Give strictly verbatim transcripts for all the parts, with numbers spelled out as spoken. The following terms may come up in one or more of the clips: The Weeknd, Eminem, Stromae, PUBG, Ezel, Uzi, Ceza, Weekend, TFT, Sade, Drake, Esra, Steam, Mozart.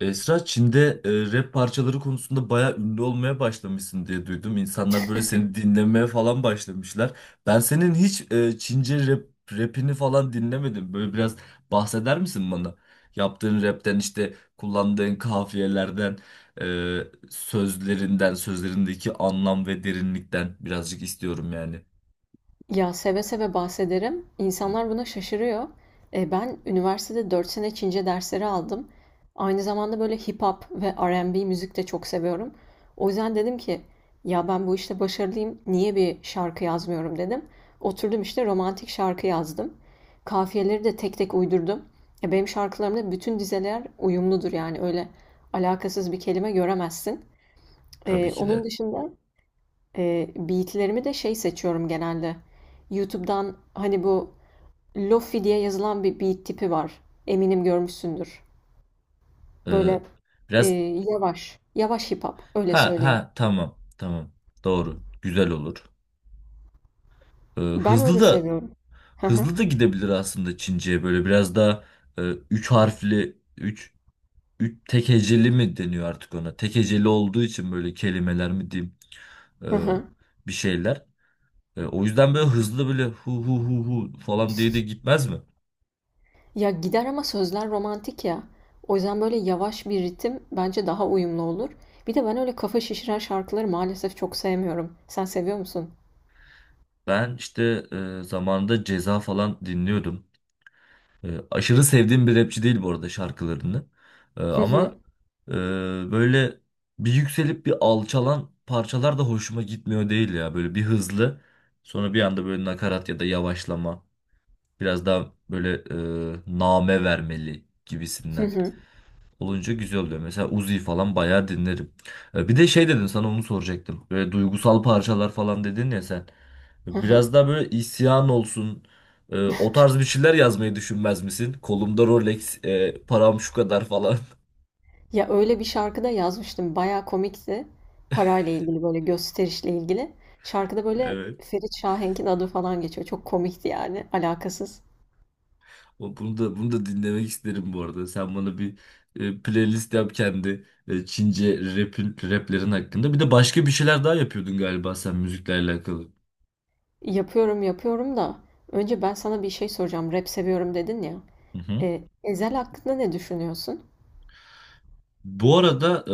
Esra Çin'de e, rap parçaları konusunda bayağı ünlü olmaya başlamışsın diye duydum. İnsanlar böyle seni dinlemeye falan başlamışlar. Ben senin hiç e, Çince rap rapini falan dinlemedim. Böyle biraz bahseder misin bana? Yaptığın rapten işte kullandığın kafiyelerden, e, sözlerinden, sözlerindeki anlam ve derinlikten birazcık istiyorum yani. Ya seve seve bahsederim. Hı. İnsanlar buna şaşırıyor. E, ben üniversitede dört sene Çince dersleri aldım. Aynı zamanda böyle hip hop ve R and B müzik de çok seviyorum. O yüzden dedim ki ya ben bu işte başarılıyım. Niye bir şarkı yazmıyorum dedim. Oturdum işte romantik şarkı yazdım. Kafiyeleri de tek tek uydurdum. E, benim şarkılarımda bütün dizeler uyumludur yani öyle alakasız bir kelime göremezsin. Tabii E, ki Onun de. dışında Eee, beat'lerimi de şey seçiyorum genelde. YouTube'dan hani bu Lofi diye yazılan bir beat tipi var. Eminim görmüşsündür. E, Böyle biraz eee, yavaş, yavaş hip hop öyle Ha söyleyeyim. ha, tamam tamam, doğru güzel olur. Ee, Ben Hızlı öyle da seviyorum. Hı hı, Hızlı da gidebilir aslında Çince'ye böyle biraz daha e, üç harfli üç, üç tek heceli mi deniyor artık ona? Tek heceli olduğu için böyle kelimeler mi diyeyim e, hı hı. bir şeyler. E, o yüzden böyle hızlı böyle hu hu hu hu falan diye de gitmez mi? Ya gider ama sözler romantik ya. O yüzden böyle yavaş bir ritim bence daha uyumlu olur. Bir de ben öyle kafa şişiren şarkıları maalesef çok sevmiyorum. Sen seviyor musun? Ben işte e, zamanında Ceza falan dinliyordum. E, aşırı sevdiğim bir rapçi değil bu arada şarkılarını. E, Hı hı, ama e, böyle bir yükselip bir alçalan parçalar da hoşuma gitmiyor değil ya. Böyle bir hızlı, sonra bir anda böyle nakarat ya da yavaşlama. Biraz daha böyle e, name vermeli hı gibisinden hı, olunca güzel oluyor. Mesela Uzi falan bayağı dinlerim. E, Bir de şey dedin, sana onu soracaktım. Böyle duygusal parçalar falan dedin ya sen. hı hı. Biraz daha böyle isyan olsun. e, O tarz bir şeyler yazmayı düşünmez misin? Kolumda Rolex, e, param şu kadar falan. Ya öyle bir şarkıda yazmıştım. Bayağı komikti. Parayla ilgili böyle gösterişle ilgili. Şarkıda böyle Evet. Ferit Şahenk'in adı falan geçiyor. Çok komikti yani alakasız. O- Bunu da bunu da dinlemek isterim bu arada. Sen bana bir e, playlist yap kendi e, Çince rap'in raplerin hakkında. Bir de başka bir şeyler daha yapıyordun galiba sen müzikle alakalı. Yapıyorum yapıyorum da önce ben sana bir şey soracağım. Rap seviyorum dedin ya. Hı hı. E, Ezel hakkında ne düşünüyorsun? Bu arada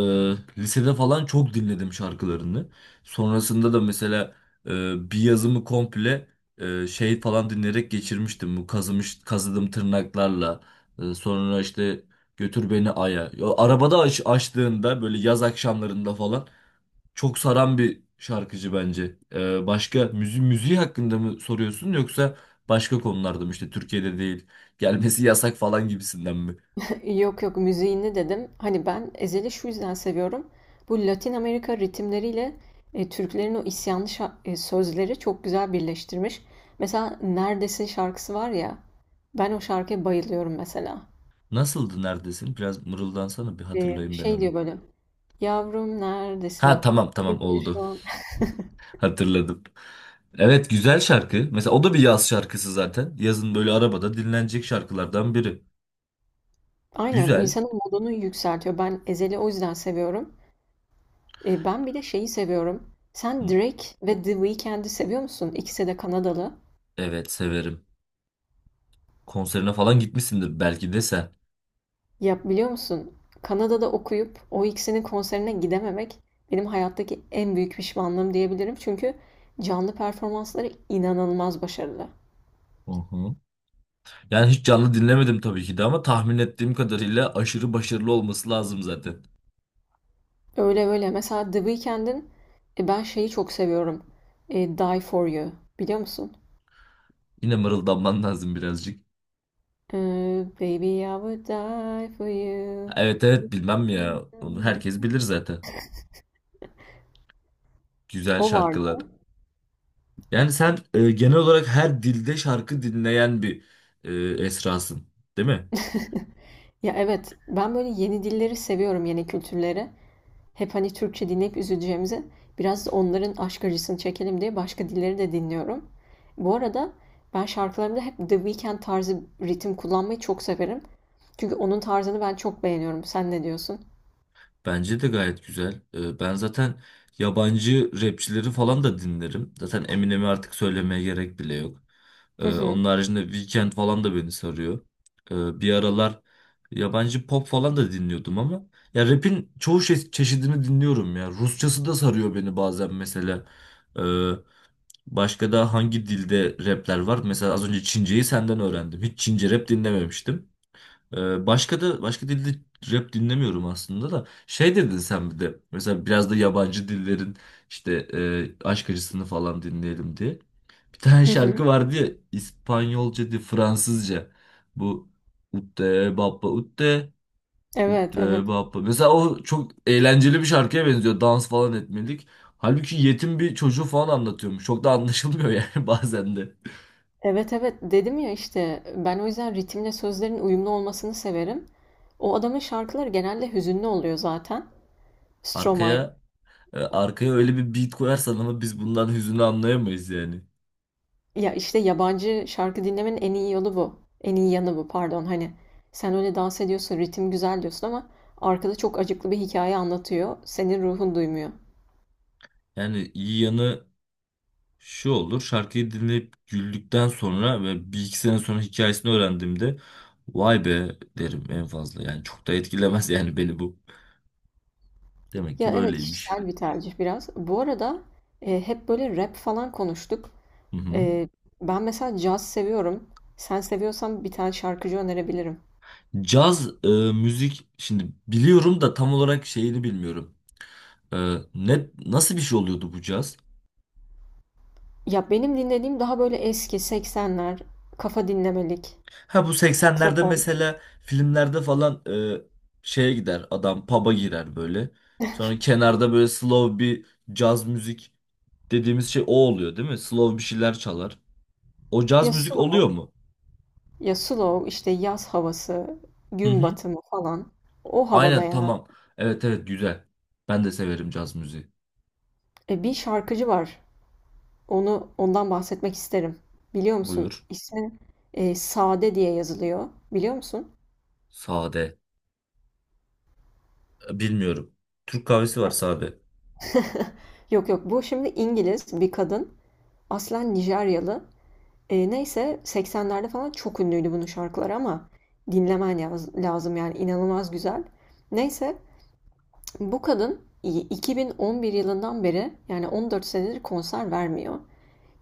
e, lisede falan çok dinledim şarkılarını. Sonrasında da mesela e, bir yazımı komple e, şey falan dinleyerek geçirmiştim. Bu kazımış kazıdım tırnaklarla. E, sonra işte götür beni aya. Ya, arabada aç, açtığında böyle yaz akşamlarında falan çok saran bir şarkıcı bence. E, başka müzi müziği hakkında mı soruyorsun, yoksa başka konularda mı işte, Türkiye'de değil, gelmesi yasak falan gibisinden mi? Yok yok müziğini dedim. Hani ben Ezel'i şu yüzden seviyorum. Bu Latin Amerika ritimleriyle e, Türklerin o isyanlı şa- e, sözleri çok güzel birleştirmiş. Mesela Neredesin şarkısı var ya. Ben o şarkıya bayılıyorum mesela. Nasıldı neredesin? Biraz mırıldansana, bir E, hatırlayayım ben Şey onu. diyor böyle. Yavrum Ha, neredesin? tamam Kim tamam, bilir oldu. şu an. Hatırladım. Evet, güzel şarkı. Mesela o da bir yaz şarkısı zaten. Yazın böyle arabada dinlenecek şarkılardan biri. Aynen Güzel. insanın modunu yükseltiyor. Ben Ezel'i o yüzden seviyorum. E, ben bir de şeyi seviyorum. Sen Hı. Drake ve The Weeknd'i seviyor musun? İkisi de Kanadalı. Evet, severim. Konserine falan gitmişsindir belki de sen. Ya biliyor musun? Kanada'da okuyup o ikisinin konserine gidememek benim hayattaki en büyük pişmanlığım diyebilirim. Çünkü canlı performansları inanılmaz başarılı. Hı hı. Yani hiç canlı dinlemedim tabii ki de, ama tahmin ettiğim kadarıyla aşırı başarılı olması lazım zaten. Öyle öyle. Mesela The Weeknd'in e, ben şeyi çok seviyorum. E, Die For You. Biliyor musun? Yine mırıldanman lazım birazcık. E, Baby I would die for you. Evet evet, bilmem ya. Onu herkes bilir zaten. Güzel O vardı. şarkılar. Yani sen e, genel olarak her dilde şarkı dinleyen bir e, Esra'sın, değil mi? Ya evet, ben böyle yeni dilleri seviyorum, yeni kültürleri. Hep hani Türkçe dinleyip üzüleceğimize biraz onların aşk acısını çekelim diye başka dilleri de dinliyorum. Bu arada ben şarkılarımda hep The Weeknd tarzı ritim kullanmayı çok severim. Çünkü onun tarzını ben çok beğeniyorum. Sen ne diyorsun? Bence de gayet güzel. E, ben zaten yabancı rapçileri falan da dinlerim. Zaten Eminem'i artık söylemeye gerek bile yok. E, Hı hı. onun haricinde Weekend falan da beni sarıyor. E, bir aralar yabancı pop falan da dinliyordum, ama ya rap'in çoğu şey, çeşidini dinliyorum ya. Rusçası da sarıyor beni bazen mesela. E, Başka da hangi dilde rapler var? Mesela az önce Çince'yi senden öğrendim. Hiç Çince rap dinlememiştim. Ee, başka da başka dilde rap dinlemiyorum aslında da. Şey dedin sen bir de. Mesela biraz da yabancı dillerin işte e, aşk acısını falan dinleyelim diye. Bir tane Hı hı. şarkı vardı ya, İspanyolca değil, Fransızca. Bu Utte Baba Utte Evet, evet. Utte Bappa. Mesela o çok eğlenceli bir şarkıya benziyor. Dans falan etmelik. Halbuki yetim bir çocuğu falan anlatıyormuş. Çok da anlaşılmıyor yani bazen de. Evet, evet. Dedim ya işte ben o yüzden ritimle sözlerin uyumlu olmasını severim. O adamın şarkıları genelde hüzünlü oluyor zaten. Stromae. Arkaya e, arkaya öyle bir beat koyarsan ama biz bundan hüzünü anlayamayız yani. Ya işte yabancı şarkı dinlemenin en iyi yolu bu. En iyi yanı bu pardon. Hani sen öyle dans ediyorsun, ritim güzel diyorsun ama arkada çok acıklı bir hikaye anlatıyor. Senin ruhun duymuyor. Yani iyi yanı şu olur. Şarkıyı dinleyip güldükten sonra ve bir iki sene sonra hikayesini öğrendiğimde vay be derim en fazla. Yani çok da etkilemez yani beni bu. Demek Ya ki evet böyleymiş. kişisel bir tercih biraz. Bu arada e, hep böyle rap falan konuştuk. Hı hı. E, Ben mesela caz seviyorum. Sen seviyorsan bir tane şarkıcı önerebilirim. Caz e, müzik şimdi biliyorum da tam olarak şeyini bilmiyorum. E, ne nasıl bir şey oluyordu bu caz? Ya benim dinlediğim daha böyle eski seksenler, kafa dinlemelik, Ha, bu seksenlerde saksafon. mesela filmlerde falan e, şeye gider, adam pub'a girer böyle. Sonra kenarda böyle slow bir caz müzik dediğimiz şey o oluyor değil mi? Slow bir şeyler çalar. O caz Ya müzik oluyor slow. mu? Ya slow işte yaz havası, Hı gün hı. batımı falan. O havada Aynen, yani. tamam. Evet evet, güzel. Ben de severim caz müziği. E, bir şarkıcı var. Onu ondan bahsetmek isterim. Biliyor musun? Buyur. İsmi e, Sade diye yazılıyor. Biliyor musun? Sade. E, Bilmiyorum. Türk kahvesi var, Ya. sade. Yok yok bu şimdi İngiliz bir kadın. Aslen Nijeryalı. E, neyse seksenlerde falan çok ünlüydü bunun şarkıları ama dinlemen yaz- lazım yani inanılmaz güzel. Neyse bu kadın iki bin on bir yılından beri yani on dört senedir konser vermiyor.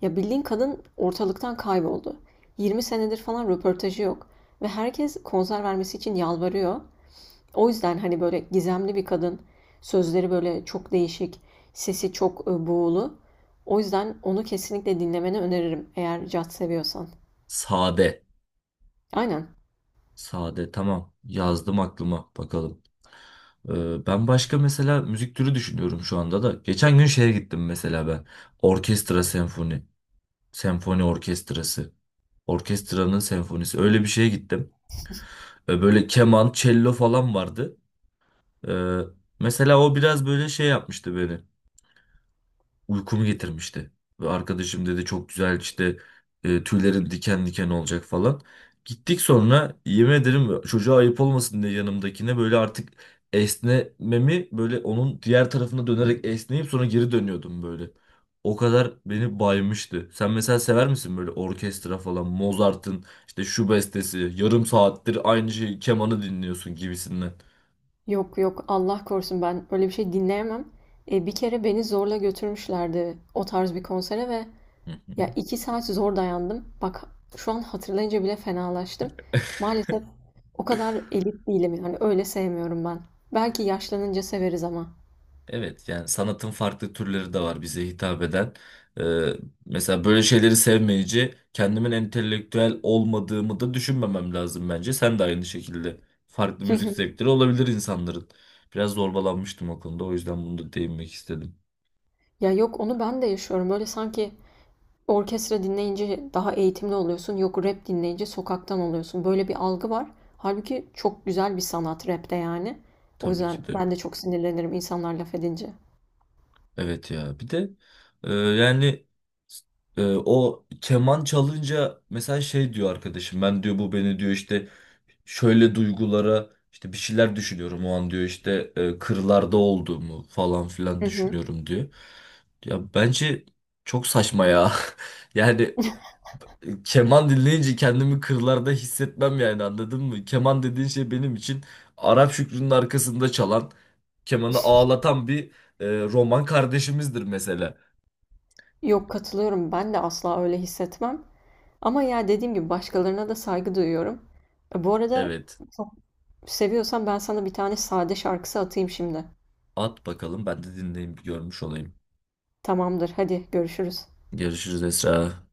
Ya bildiğin kadın ortalıktan kayboldu. Yirmi senedir falan röportajı yok. Ve herkes konser vermesi için yalvarıyor. O yüzden hani böyle gizemli bir kadın. Sözleri böyle çok değişik. Sesi çok e, buğulu. O yüzden onu kesinlikle dinlemeni öneririm eğer caz seviyorsan. Sade. Aynen. Sade, tamam, yazdım aklıma, bakalım. Ee, ben başka mesela müzik türü düşünüyorum şu anda da. Geçen gün şeye gittim mesela ben. Orkestra senfoni. Senfoni orkestrası. Orkestranın senfonisi. Öyle bir şeye gittim. Ee, böyle keman, cello falan vardı. Ee, mesela o biraz böyle şey yapmıştı beni, uykumu getirmişti. Ve arkadaşım dedi çok güzel işte e, tüylerin diken diken olacak falan. Gittik, sonra yemin ederim çocuğa ayıp olmasın diye yanımdakine böyle artık esnememi, böyle onun diğer tarafına dönerek esneyip sonra geri dönüyordum böyle. O kadar beni baymıştı. Sen mesela sever misin böyle orkestra falan, Mozart'ın işte şu bestesi, yarım saattir aynı şey kemanı dinliyorsun gibisinden? Yok yok Allah korusun ben öyle bir şey dinleyemem. E, bir kere beni zorla götürmüşlerdi o tarz bir konsere ve Hı ya hı. iki saat zor dayandım. Bak şu an hatırlayınca bile fenalaştım. Maalesef o kadar elit değilim yani öyle sevmiyorum ben. Belki yaşlanınca severiz ama. Evet, yani sanatın farklı türleri de var bize hitap eden. Ee, mesela böyle şeyleri sevmeyici kendimin entelektüel olmadığımı da düşünmemem lazım bence. Sen de aynı şekilde, farklı müzik zevkleri olabilir insanların. Biraz zorbalanmıştım o konuda, o yüzden bunu da değinmek istedim. Ya yok onu ben de yaşıyorum. Böyle sanki orkestra dinleyince daha eğitimli oluyorsun. Yok rap dinleyince sokaktan oluyorsun. Böyle bir algı var. Halbuki çok güzel bir sanat rapte yani. O Tabii yüzden ki de. ben de çok sinirlenirim insanlar laf edince. Evet ya, bir de e, yani e, o keman çalınca mesela şey diyor arkadaşım, ben diyor bu beni diyor işte şöyle duygulara, işte bir şeyler düşünüyorum o an diyor, işte e, kırlarda olduğumu falan filan Hı hı. düşünüyorum diyor. Ya bence çok saçma ya. Yani keman dinleyince kendimi kırlarda hissetmem yani, anladın mı? Keman dediğin şey benim için Arap Şükrü'nün arkasında çalan, kemanı ağlatan bir e, roman kardeşimizdir mesela. Yok katılıyorum. Ben de asla öyle hissetmem. Ama ya dediğim gibi başkalarına da saygı duyuyorum. E, Bu arada Evet. çok seviyorsan ben sana bir tane sade şarkısı atayım şimdi. At bakalım, ben de dinleyip görmüş olayım. Tamamdır, hadi görüşürüz. Görüşürüz Esra.